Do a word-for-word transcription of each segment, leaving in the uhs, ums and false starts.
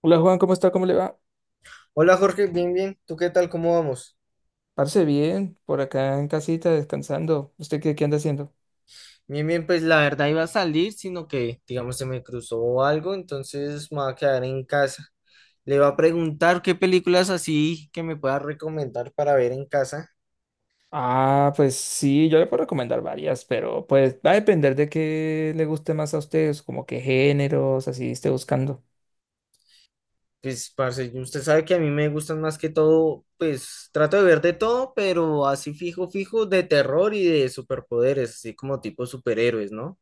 Hola Juan, ¿cómo está? ¿Cómo le va? Hola Jorge, bien, bien. ¿Tú qué tal? ¿Cómo vamos? Parece bien, por acá en casita descansando. ¿Usted qué, qué anda haciendo? Bien, bien, pues la verdad iba a salir, sino que, digamos, se me cruzó algo, entonces me voy a quedar en casa. Le va a preguntar qué películas así que me pueda recomendar para ver en casa. Ah, pues sí, yo le puedo recomendar varias, pero pues va a depender de qué le guste más a ustedes, como qué géneros, así esté buscando. Pues, parce, usted sabe que a mí me gustan más que todo, pues trato de ver de todo, pero así fijo, fijo, de terror y de superpoderes, así como tipo superhéroes, ¿no?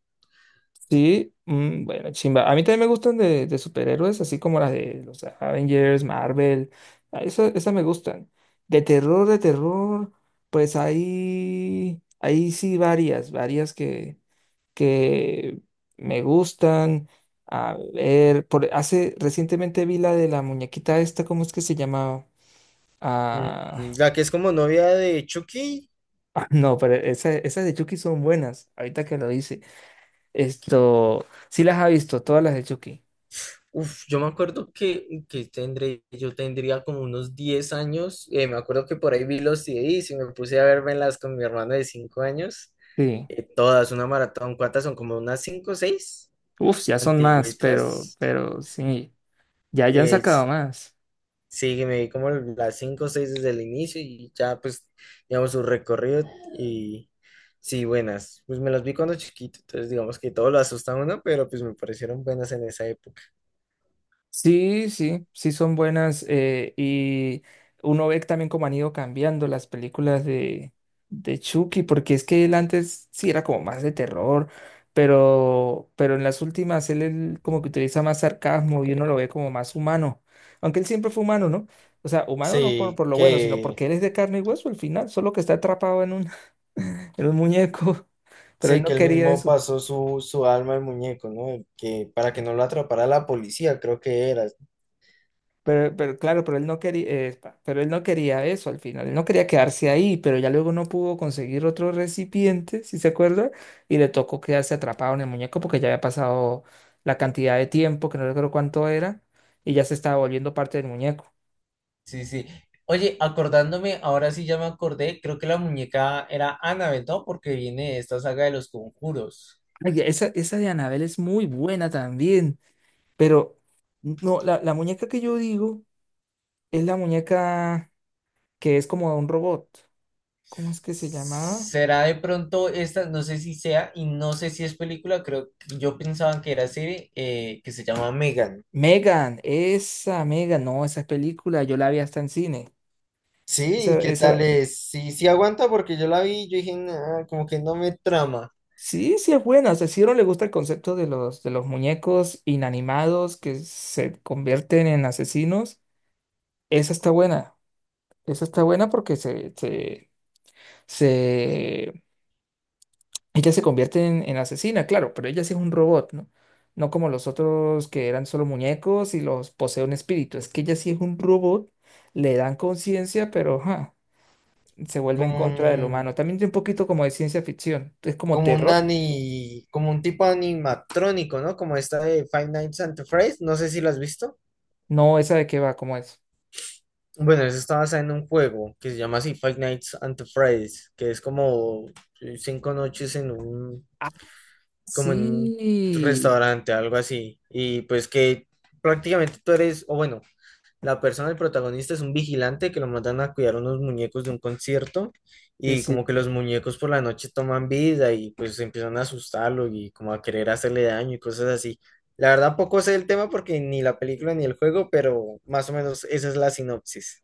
Sí, mm, bueno, chimba. A mí también me gustan de, de superhéroes, así como las de los Avengers, Marvel. Ah, esa- esas me gustan. De terror, de terror, pues ahí, ahí sí varias, varias que que me gustan. A ver, por, hace recientemente vi la de la muñequita esta, ¿cómo es que se llamaba? Mm, Ah, La que es como novia de Chucky. ah, no, pero esa- esas de Chucky son buenas, ahorita que lo dice. Esto, sí las ha visto, todas las de Chucky. Uf, yo me acuerdo que, que tendré, yo tendría como unos diez años. Eh, me acuerdo que por ahí vi los C Ds y me puse a vermelas con mi hermano de cinco años. Sí. Eh, todas, una maratón. ¿Cuántas son? Como unas cinco o seis Uf, ya son más, pero, antigüitas. pero sí, ya, ya han Eh, s- sacado más. sí, me vi como las cinco o seis desde el inicio y ya pues, digamos, su, recorrido y sí, buenas. Pues me las vi cuando chiquito, entonces digamos que todo lo asusta a uno, pero pues me parecieron buenas en esa época. Sí, sí, sí son buenas, eh, y uno ve también cómo han ido cambiando las películas de, de Chucky, porque es que él antes sí era como más de terror, pero, pero en las últimas él, él como que utiliza más sarcasmo y uno lo ve como más humano, aunque él siempre fue humano, ¿no? O sea, humano no por, Sí, por lo bueno, sino que... porque él es de carne y hueso al final, solo que está atrapado en un, en un muñeco, pero él Sí, no que él quería mismo eso. pasó su, su alma al muñeco, ¿no? El que para que no lo atrapara la policía, creo que era. Pero, pero claro, pero él no quería, eh, pa- pero él no quería eso al final, él no quería quedarse ahí, pero ya luego no pudo conseguir otro recipiente, si se acuerda, y le tocó quedarse atrapado en el muñeco porque ya había pasado la cantidad de tiempo, que no recuerdo cuánto era, y ya se estaba volviendo parte del muñeco. Sí, sí. Oye, acordándome, ahora sí ya me acordé, creo que la muñeca era Annabelle, ¿no? Porque viene de esta saga de los conjuros. Ay, esa, esa de Anabel es muy buena también, pero no, la, la muñeca que yo digo es la muñeca que es como un robot. ¿Cómo es que se llamaba? ¿Será de pronto esta? No sé si sea, y no sé si es película, creo que yo pensaba que era serie, eh, que se llama Megan. Megan, esa Megan, no, esa película yo la vi hasta en cine. Sí, ¿y Esa, qué esa tal la- es? Sí, sí aguanta porque yo la vi, yo dije, "Nah, como que no me trama, Sí, sí es buena. O sea, si a uno le gusta el concepto de los, de los muñecos inanimados que se convierten en asesinos, esa está buena. Esa está buena porque se, se, se... ella se convierte en, en asesina, claro, pero ella sí es un robot, ¿no? No como los otros que eran solo muñecos y los posee un espíritu. Es que ella sí es un robot, le dan conciencia, pero... ajá. Se vuelve en como, contra del humano. También tiene un poquito como de ciencia ficción, es como como un terror. ani, como un tipo animatrónico, ¿no? Como esta de Five Nights at Freddy's, no sé si lo has visto. No, esa de qué va, como es. Bueno, eso está basado en un juego que se llama así Five Nights at Freddy's, que es como eh, cinco noches en un, Ah, como en un sí. restaurante, algo así. Y pues que prácticamente tú eres, o bueno, la persona, el protagonista, es un vigilante que lo mandan a cuidar unos muñecos de un concierto Sí, y como sí. que los muñecos por la noche toman vida y pues empiezan a asustarlo y como a querer hacerle daño y cosas así. La verdad poco sé el tema porque ni la película ni el juego, pero más o menos esa es la sinopsis.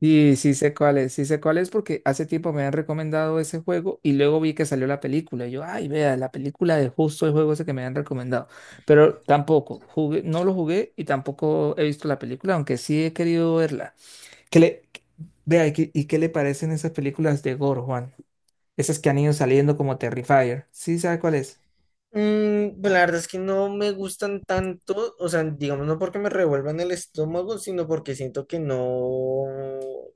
Sí, sí sé cuál es, sí sé cuál es porque hace tiempo me han recomendado ese juego y luego vi que salió la película. Y yo, ay, vea, la película de justo el juego ese que me han recomendado. Pero tampoco, jugué, no lo jugué y tampoco he visto la película, aunque sí he querido verla. ¿Qué le, qué- vea, ¿y qué, y qué le parecen esas películas de gore, Juan? Esas que han ido saliendo como Terrifier. ¿Sí sabe cuál es? Mm, pues la verdad es que no me gustan tanto, o sea, digamos, no porque me revuelvan el estómago, sino porque siento que no,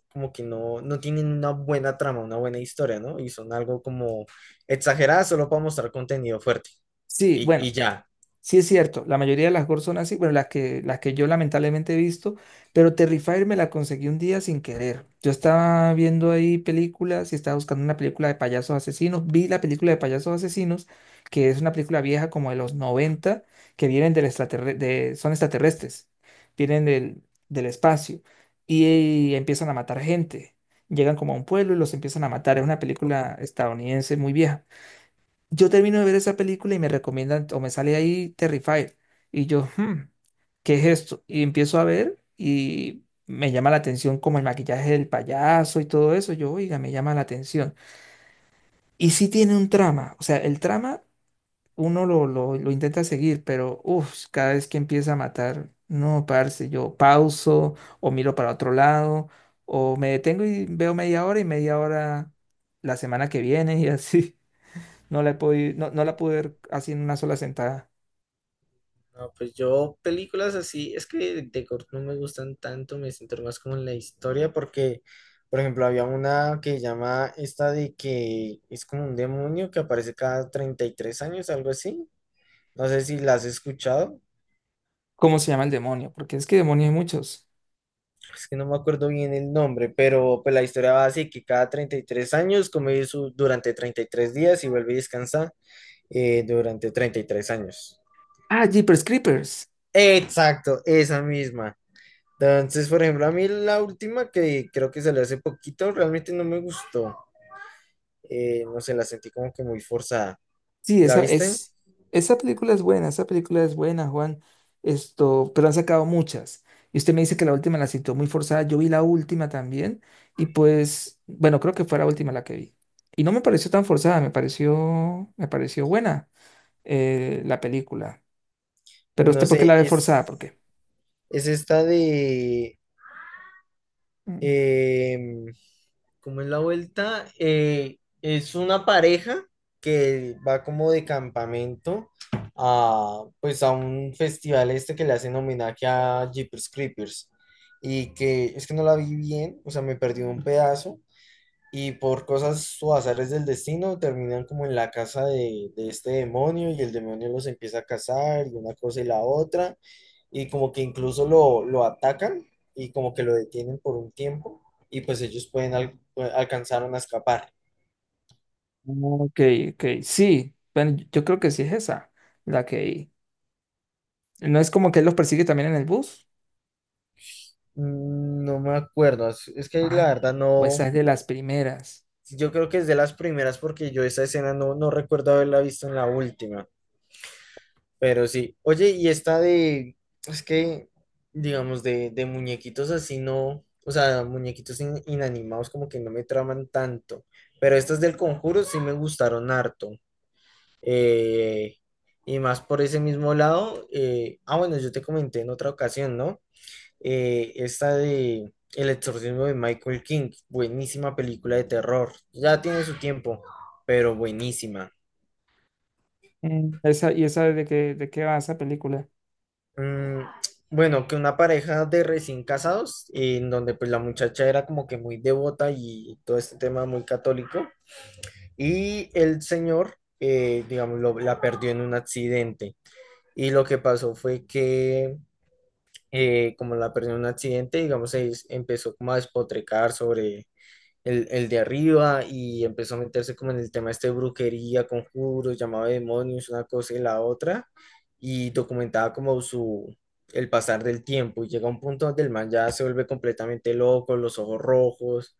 como que no, no tienen una buena trama, una buena historia, ¿no? Y son algo como exageradas solo para mostrar contenido fuerte. Sí, Y, bueno, y ya. sí es cierto, la mayoría de las GOR son así, bueno, las que, las que yo lamentablemente he visto, pero Terrifier me la conseguí un día sin querer. Yo estaba viendo ahí películas y estaba buscando una película de payasos asesinos, vi la película de payasos asesinos, que es una película vieja como de los noventa, que vienen del extraterre- de, son extraterrestres, vienen del, del espacio y empiezan a matar gente. Llegan como a un pueblo y los empiezan a matar. Es una película estadounidense muy vieja. Yo termino de ver esa película y me recomiendan, o me sale ahí Terrifier. Y yo, "Hmm, ¿qué es esto?" Y empiezo a ver y me llama la atención como el maquillaje del payaso y todo eso. Yo, oiga, me llama la atención. Y sí tiene un trama, o sea, el trama uno lo, lo, lo intenta seguir, pero uff, cada vez que empieza a matar, no, parce, yo pauso o miro para otro lado o me detengo y veo media hora y media hora la semana que viene y así. No la he podido, no, no la pude ver así en una sola sentada. No, pues yo películas así, es que de corto no me gustan tanto, me centro más como en la historia porque, por ejemplo, había una que llama esta de que es como un demonio que aparece cada treinta y tres años, algo así. No sé si la has escuchado, ¿Cómo se llama el demonio? Porque es que demonios hay muchos. es que no me acuerdo bien el nombre, pero pues la historia va así, que cada treinta y tres años come su, durante treinta y tres días y vuelve a descansar eh, durante treinta y tres años. Ah, Jeepers Creepers. Exacto, esa misma. Entonces, por ejemplo, a mí la última que creo que salió hace poquito, realmente no me gustó. Eh, no sé, la sentí como que muy forzada. Sí, ¿La esa viste? es, esa película es buena, esa película es buena, Juan. Esto, pero han sacado muchas. Y usted me dice que la última la citó muy forzada. Yo vi la última también. Y pues, bueno, creo que fue la última la que vi. Y no me pareció tan forzada, me pareció, me pareció buena, eh, la película. Pues, Pero usted, no ¿por qué sé, la ve forzada? ¿Por es, qué? es esta de... em, ¿Cómo es la vuelta? Eh, es una pareja que va como de campamento a, pues a un festival este que le hacen homenaje a Jeepers Creepers y que es que no la vi bien, o sea, me perdí un pedazo, y por cosas o azares del destino, terminan como en la casa de, de este demonio y el demonio los empieza a cazar y una cosa y la otra. Y como que incluso lo, lo atacan y como que lo detienen por un tiempo y pues ellos pueden al- alcanzaron a escapar. Ok, ok, sí. Bueno, yo creo que sí es esa, la que... ¿No es como que él los persigue también en el bus? Mm, No me acuerdo, es, es que la Ay, verdad o no, esa es de las primeras. yo creo que es de las primeras porque yo esa escena no, no recuerdo haberla visto en la última. Pero sí. Oye, y esta de, es que, digamos, de, de muñequitos así no, o sea, muñequitos in- inanimados como que no me traman tanto. Pero estas del Conjuro sí me gustaron harto. Eh, y más por ese mismo lado, eh, ah, bueno, yo te comenté en otra ocasión, ¿no? Eh, esta de El exorcismo de Michael King, buenísima película de terror. Ya tiene su tiempo, pero buenísima. Mm, esa, ¿y esa de qué, de qué va esa película? Mm, bueno, que una pareja de recién casados, en donde pues la muchacha era como que muy devota y todo este tema muy católico, y el señor, eh, digamos, lo- la perdió en un accidente. Y lo que pasó fue que, eh, como la perdió en un accidente, digamos, se empezó como a despotricar sobre el, el de arriba y empezó a meterse como en el tema este de brujería, conjuros, llamaba de demonios, una cosa y la otra, y documentaba como su, el pasar del tiempo, y llega un punto donde el man ya se vuelve completamente loco, los ojos rojos,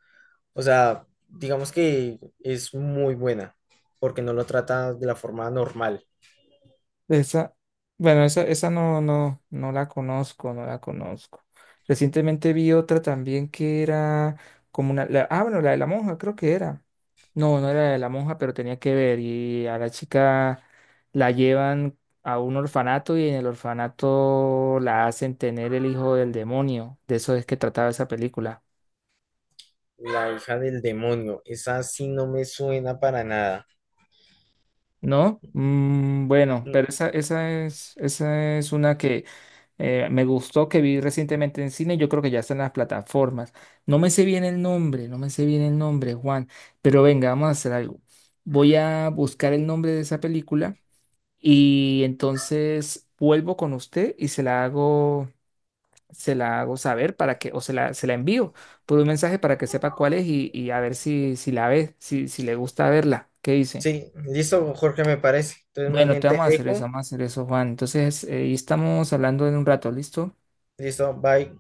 o sea, digamos que es muy buena, porque no lo trata de la forma normal. Esa, bueno, esa, esa no, no, no la conozco, no la conozco. Recientemente vi otra también que era como una, la- ah, bueno, la de la monja, creo que era. No, no era la de la monja, pero tenía que ver. Y a la chica la llevan a un orfanato y en el orfanato la hacen tener el hijo del demonio. De eso es que trataba esa película. La hija del demonio, esa sí no me suena para nada. ¿No? Mm, bueno, Mm, pero esa, esa es, esa es una que eh, me gustó, que vi recientemente en cine, yo creo que ya está en las plataformas. No me sé bien el nombre, no me sé bien el nombre, Juan, pero venga, vamos a hacer algo. Voy a buscar el nombre de esa película y entonces vuelvo con usted y se la hago, se la hago saber para que, o se la, se la envío por un mensaje para que sepa cuál es y, y a ver si, si la ve, si, si le gusta verla. ¿Qué dice? sí, listo, Jorge, me parece. Entonces, más Bueno, te bien te vamos a hacer eso, dejo. vamos a hacer eso, Juan. Entonces, eh, ahí estamos hablando en un rato, ¿listo? Listo, bye.